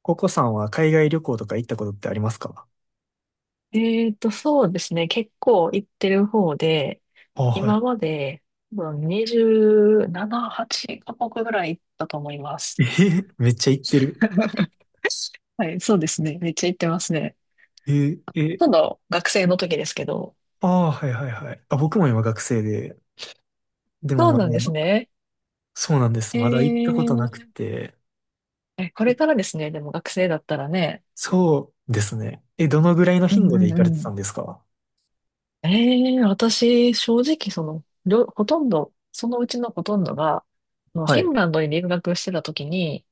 ココさんは海外旅行とか行ったことってありますか？そうですね。結構行ってる方で、あ、は今い。まで多分27、8カ国ぐらい行ったと思います。えへ、めっちゃ行ってる。はい、そうですね。めっちゃ行ってますね。え、ほえ、とんど学生の時ですけど。ああ、はいはいはい。あ、僕も今学生で、でそうもまなんですだ、ね。そうなんです。えまだ行ったことなくー、て。これからえ、ですね。でも学生だったらね。そうですね。え、どのぐらいのう頻ん度でう行かれてんたうんですか？ん。私、正直、ほとんど、そのうちのほとんどが、フはィンい。ランドに留学してた時に、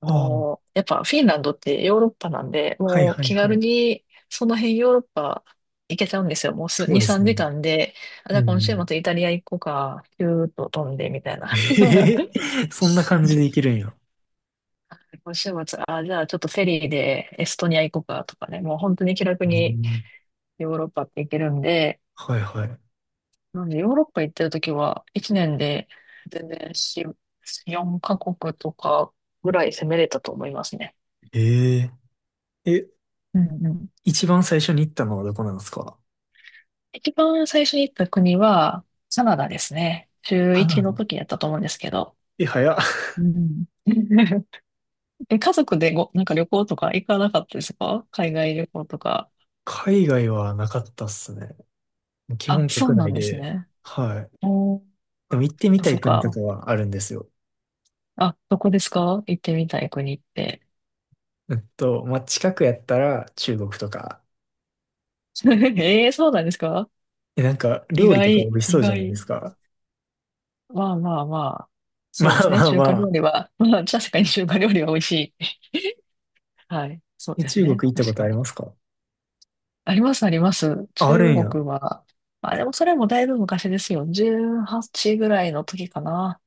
ああ、やっぱフィンランドってヨーロッパなんで、はいもうはい気は軽い。にその辺ヨーロッパ行けちゃうんですよ。もうそう2、です3ね。時間で、あ、じうゃあ今週ん。末イタリア行こうか、ピューッと飛んでみたい な。えへへ、そんな感じで行けるんや。今週末、あ、じゃあちょっとフェリーでエストニア行こうかとかね、もう本当に気楽うにん、ヨーロッパって行けるんで、はいはい。なんでヨーロッパ行ってるときは1年で全然4、4カ国とかぐらい攻めれたと思いますね。えええ、うんうん。一番最初に行ったのはどこなんですか？一番最初に行った国は、カナダですね。中カナ一のダ。時やったと思うんですけど。え、早っ。うん。家族でなんか旅行とか行かなかったですか？海外旅行とか。海外はなかったっすね。基あ、本そう国な内んですで。ね。はい。おー、そでも行ってっみかたそっい国とか。かはあるんですよ。あ、どこですか？行ってみたい国って。まあ、近くやったら中国とか。ええ、そうなんですか？え、なんか意料理とか美外、味し意そうじゃないで外。すか。まあまあまあ。まそうであすね。まあ中ま華料あ。理は、まあ確かに中華料理は美味しい。はい。そうえ、です中国ね。行ったこ確とかありまに。すか？ありますあります。あある中んや。国は、まあ、でもそれもだいぶ昔ですよ。18ぐらいの時かな。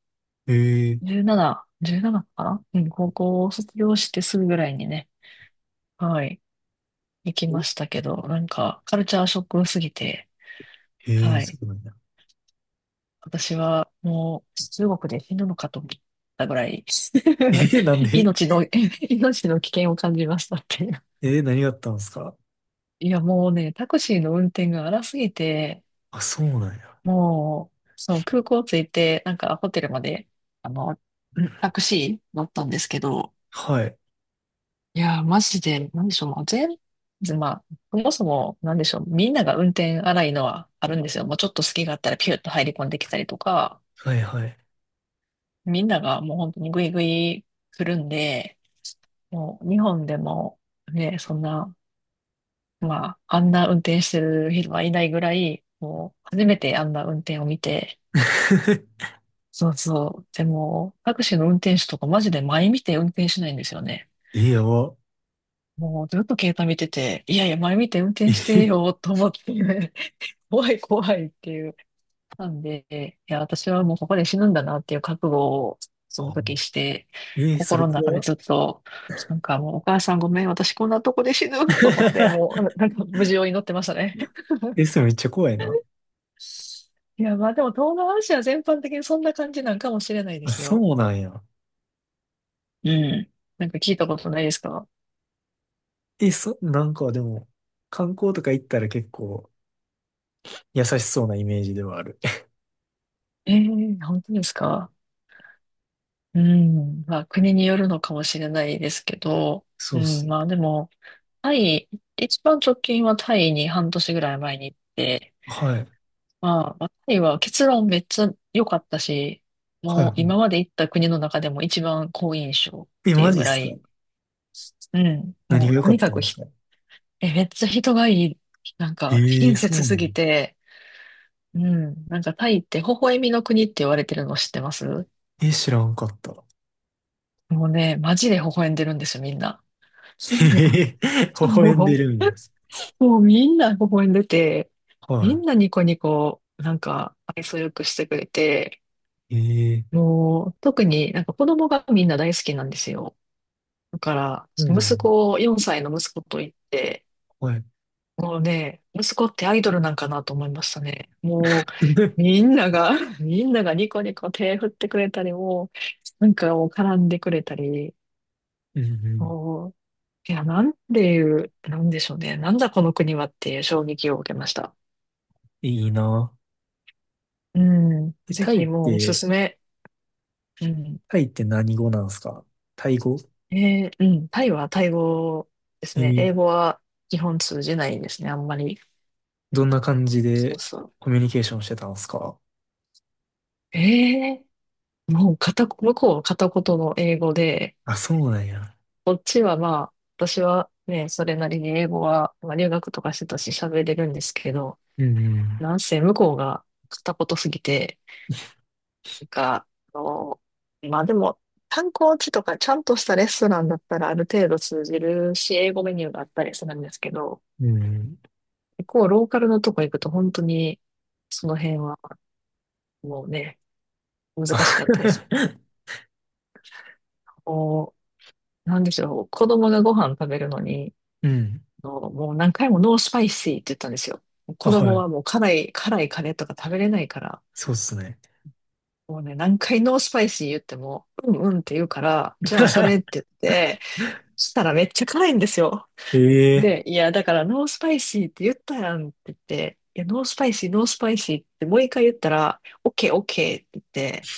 へえ。17かな。うん、高校を卒業してすぐぐらいにね、はい、行きましたけど、なんか、カルチャーショックすぎて、へえ、はそい、うなんだ。私はもう中国で死ぬのかと思ったぐらい、え、なん で。 命の、命の危険を感じましたっていう。えー、何があったんですか？いや、もうね、タクシーの運転が荒すぎて、あ、そうなんや。もう、そう、空港着いて、なんかホテルまで、あの、うん、タクシー乗ったんですけど、はい。いやー、マジで、なんでしょう、もうまあ、そもそも、なんでしょう、みんなが運転荒いのはあるんですよ。もうちょっと隙があったらピュッと入り込んできたりとか、はいはい。みんながもう本当にグイグイ来るんで、もう日本でもね、そんな、まあ、あんな運転してる人はいないぐらい、もう初めてあんな運転を見て、そうそう。でも、タクシーの運転手とかマジで前見て運転しないんですよね。え、やば。もうずっと携帯見てて、いやいや、前見て運 転してえ、よと思って、怖い怖いっていう。なんで、いや、私はもうここで死ぬんだなっていう覚悟をそのあ、時して、え、それ心の中怖でっ。 ずっと、なんかもうお母さんごめん、私こんなとこで死ぬと思って、も うなんか無事を祈ってましたね。え、それめっちゃ怖いな。いや、まあでも東南アジア全般的にそんな感じなんかもしれないであ、すよ。そうなんや。うん。なんか聞いたことないですか？え、そ、なんかでも、観光とか行ったら結構優しそうなイメージではある。ええ、本当ですか？うん。まあ、国によるのかもしれないですけど、そううっすん、ね。まあでも、タイ、一番直近はタイに半年ぐらい前に行って、はい。まあタイは結論めっちゃ良かったし、はいもう今まはで行った国の中でも一番好印象い。っえ、ていマうジっぐらすか？い、うん、何もがう良とかにっかたんくですか？めっちゃ人がいい、なんかええ、親そ切うなすの？ぎて、うん、なんかタイって微笑みの国って言われてるの知ってます？え、知らんかった。もうね、マジで微笑んでるんですよ、みんな。えへへ、微も笑んう、でるんや。もうみんな微笑んでて、はみんなニコニコ、なんか愛想よくしてくれて、い。ええ、もう特になんか子供がみんな大好きなんですよ。だから、そうなん息や。子、4歳の息子と言って、はい。もうね、息子ってアイドルなんかなと思いましたね。もう、みんなが、みんながニコニコ手振ってくれたり、もう、なんかもう絡んでくれたり、うんうん。もいや、なんていう、なんでしょうね。なんだこの国はっていう衝撃を受けました。いいな。うん。え、ぜタイっひもうおすて、すめ。うん。タイって何語なんすか？タイ語？うん。タイはタイ語ですえね。ー、英語は基本通じないですね。あんまり。どんな感じそうでそう。コミュニケーションしてたんすか？えもう向こうは片言の英語で、あ、そうなんや。こっちはまあ、私はね、それなりに英語は、まあ、留学とかしてたし喋れるんですけど、うんなんせ向こうが片言すぎて、なんか、あの、まあでも、観光地とかちゃんとしたレストランだったらある程度通じるし、英語メニューがあったりするんですけど、うん。うん。結構ローカルのとこ行くと本当に、その辺はもうね、あ。 難しかったです。こう、なんでしょう、子供がご飯食べるのに、うん。もう何回もノースパイシーって言ったんですよ。あ、子は供い。はもう辛い、辛いカレーとか食べれないから、そうっすね。もうね、何回ノースパイシー言っても、うんうんって言うから、じゃあそれって 言って、そしたらめっちゃ辛いんですよ。ええ。 で、いや、だから、ノースパイシーって言ったやんって言って、いや、ノースパイシー、ノースパイシーってもう一回言ったら、オッケー、オッケーって言って、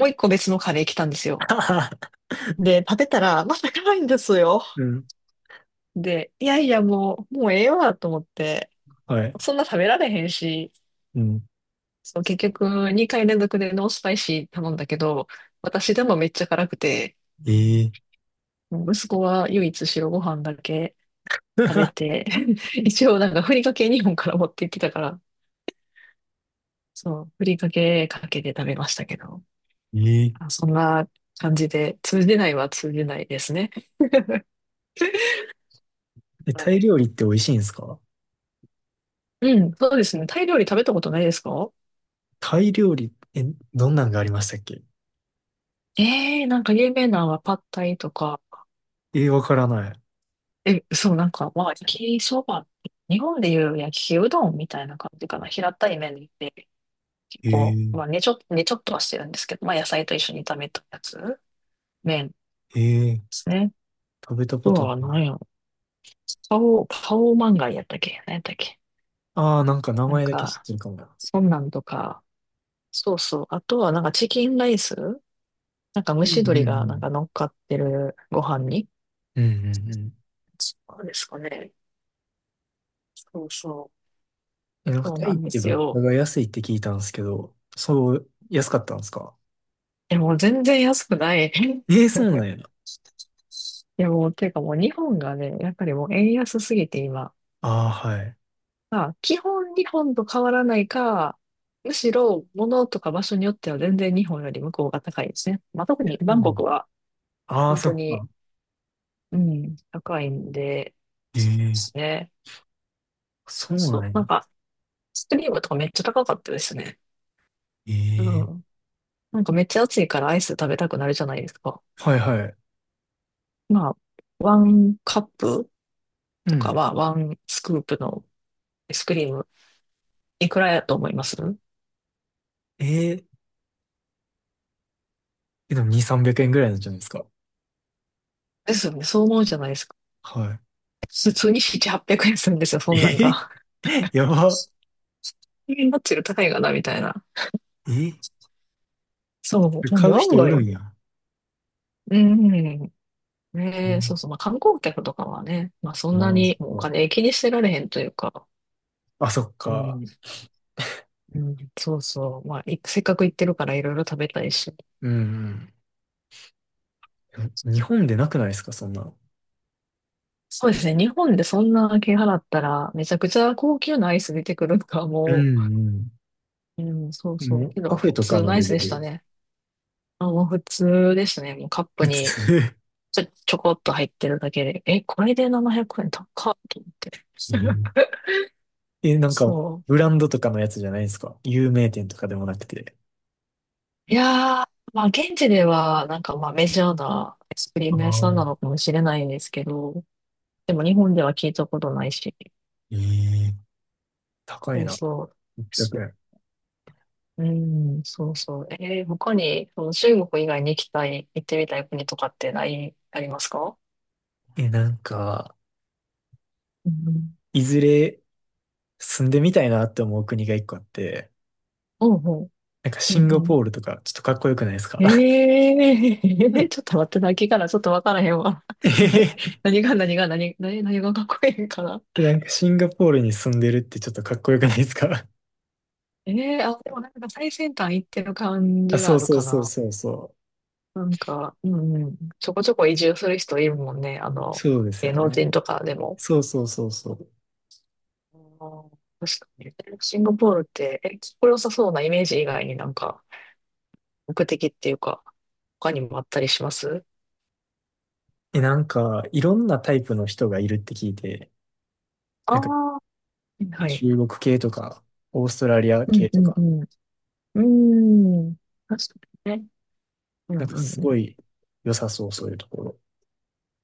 もう一個別のカレー来たんですよ。で、食べたら、また辛いんですよ。うん。で、いやいや、もうええわと思って、はい。そんな食べられへんし、うん。そう、結局、2回連続でノースパイシー頼んだけど、私でもめっちゃ辛くて、ええ。 息子は唯一白ご飯だけ食べ て、一応なんかふりかけ日本から持ってきたから、そう、ふりかけかけて食べましたけど、ええあ、そんな感じで、通じないは通じないですね。え、はタイい。料理って美味しいんですか？うん、そうですね。タイ料理食べたことないですか？タイ料理、え、どんなんがありましたっけ？ええー、なんか有名なのはパッタイとか、ええ、わからない。そう、なんか、まあ、焼きそば、日本でいう焼きうどんみたいな感じかな。平たい麺で、結構、ええ、まあ、ねちょっとはしてるんですけど、まあ、野菜と一緒に炒めたやつ、麺でええ、すね。食べあたこととなは何い。やろ。パオマンガイやったっけ？何やったっけ？ああー、なんか名なん前だけ知っか、てるかもな。そんなんとか、そうそう。あとはなんかチキンライス、なんか蒸うしんうん鶏うがなんん。か乗っかってるご飯に。うんうんうん。そうですかね。そうそう。え、なんかそうタなイっんでてす物価よ。が安いって聞いたんですけど、そう、安かったんですか？もう全然安くない。ええ、そうなんや。いやもう、ていうかもう日本がね、やっぱりもう円安すぎて今。ああ、はい。まあ、基本日本と変わらないか、むしろ物とか場所によっては全然日本より向こうが高いですね。まあ、特にうバンコクん。はああ、本そ当っに、か。うん、高いんで、え、そうえですね。そそうそうなんう。なんや。かスクリームとかめっちゃ高かったですね。うええ、ん。なんかめっちゃ暑いからアイス食べたくなるじゃないですか。はいはい。まあ、ワンカップうとかん。はワンスクープのアイスクリーム、いくらやと思います？えええ、でも2、300円ぐらいなんじゃないですか。ですよね。そう思うじゃないですか。は普通に7、800円するんですよ、そんなんい。が。ええ。 やば。え、マッチより高いかな、みたいな。えそう、え、なん買でう案人おるん外、や。うん。うねえ、そん、うそう。まあ観光客とかはね、まあそんまなあ、そにもうおっか。金気にしてられへんというか、あ、そっうか。ん、うん、そうそう。まあ、いせっかく行ってるからいろいろ食べたいし。うんうん。日本でなくないですか、そんなの。そうですね。日本でそんな金払ったら、めちゃくちゃ高級なアイス出てくるのか、うもんう。うん、そううん。そもう。う、けカど、フェ普とか通ののアイレスベでしたル。ね。あ、もう普通でしたね。もうカッ プ普に通。ちょこっと入ってるだけで。え、これで700円高っと思って。え、なんか、そブう。ランドとかのやつじゃないですか、有名店とかでもなくて。いやー、まあ現地では、まあメジャーなアイスクリーあム屋さんなあ、のかもしれないんですけど、でも日本では聞いたことないし。ええ、高そいうな。そう。6うん、そうそう。他に、その中国以外に行きたい、行ってみたい国とかってない、ありますか？円。え、なんか、うん。いずれ住んでみたいなって思う国が一個あって、うんうん。なんかうシンんガポうールとか、ちょっとかっこよくないですか？ん。うん。 ちょっと待って、泣きからちょっとわからへんわ。え へえ、へ。何がかっこいいんかな。でなんかシンガポールに住んでるってちょっとかっこよくないですか？ あ、でもなんか最先端行ってる感 あ、じはそあうるそうかそうな。そうそう。なんか、うんうん。ちょこちょこ移住する人いるもんね。あの、そうですよ芸能ね。人とかでも。そうそうそうそう。あー確かに。シンガポールって、え、かっこよさそうなイメージ以外になんか、目的っていうか、他にもあったりします？え、なんか、いろんなタイプの人がいるって聞いて、あなんかあー、はい。中国系とか、オーストラリアうん系うとんか、うん。うーん。確かにね。うなんんかうんすうん。ごい良さそう、そういうところ。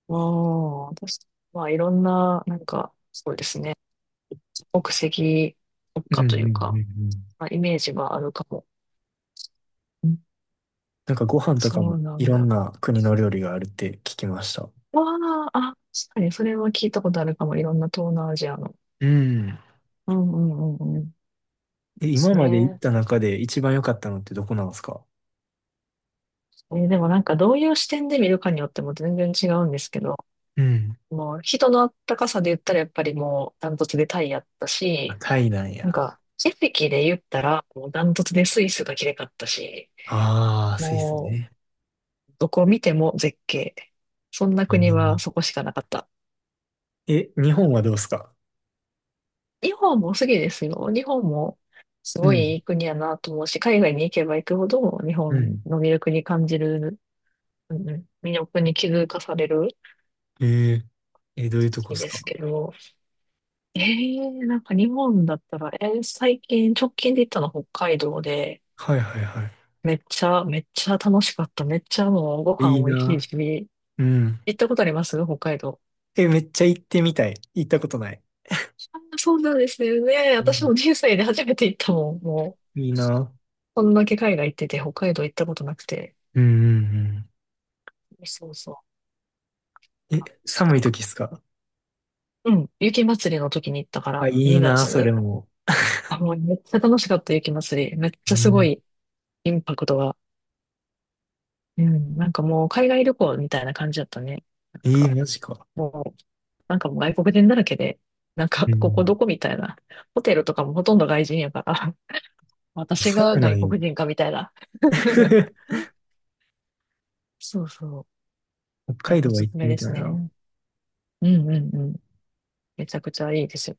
ああ、確かに。まあ、いろんな、なんか、そうですね。国籍国うんう家といんううんか、うん。まあ、イメージはあるかも。うん。なんかご飯とそかもうないんろんだ。な国の料理があるって聞きました。わあ、あ、確かに、それは聞いたことあるかも。いろんな東南アジアの。うん。うんうんうんうん。でえ、今すまで行っね。た中で一番良かったのってどこなんですか？でもなんかどういう視点で見るかによっても全然違うんですけど、うん。もう人のあったかさで言ったらやっぱりもうダントツでタイやったあ、し、タイなんなんや。か景色で言ったらもうダントツでスイスが綺麗かったし、ああ、スイスもね。うどこ見ても絶景。そんな国はそこしかなかった。えーえ、日本はどうですか？日本もすぎですよ。日本もすうごいいん。い国やなと思うし、海外に行けば行くほど日う本ん、の魅力に感じる、うんうん魅力に気づかされるえー、え、どういうとこ国ですでか？すけど、ええなんか日本だったら、最近、直近で行ったの北海道で、はいはいはめっちゃ楽しかった。めっちゃもうごい。飯いい美味しいな。し、うん。行ったことあります？北海道。え、めっちゃ行ってみたい。行ったことない。あー、そうなんですよね。う私ん、も人生で初めて行ったもん。もう、いいな。こんだけ海外行ってて、北海道行ったことなくて。うんうんうん、そうそう。え、そう寒いか。時っすか？うん。雪祭りの時に行ったかあ、ら、いい2な、それ月。も。あ、もうめっちゃ楽しかった、雪祭り。めっちゃいすごい、いインパクトが。うん。なんかもう海外旅行みたいな感じだったね。えーマジか。もう、なんかもう外国人だらけで、なんか、うここん。どこみたいな。ホテルとかもほとんど外人やから、私そがうな外んよ。国人かみたいな。そうそう。北い海や、お道はす行っすてめみでたすいな。ね。うんうんうん。めちゃくちゃいいですよ。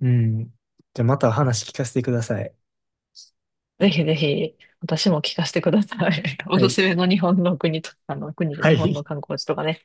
うん。じゃあまた話聞かせてください。ぜひぜひ、私も聞かせてください。おはすい。すめの日本の国と、あの、国では日本のい。観光地とかね。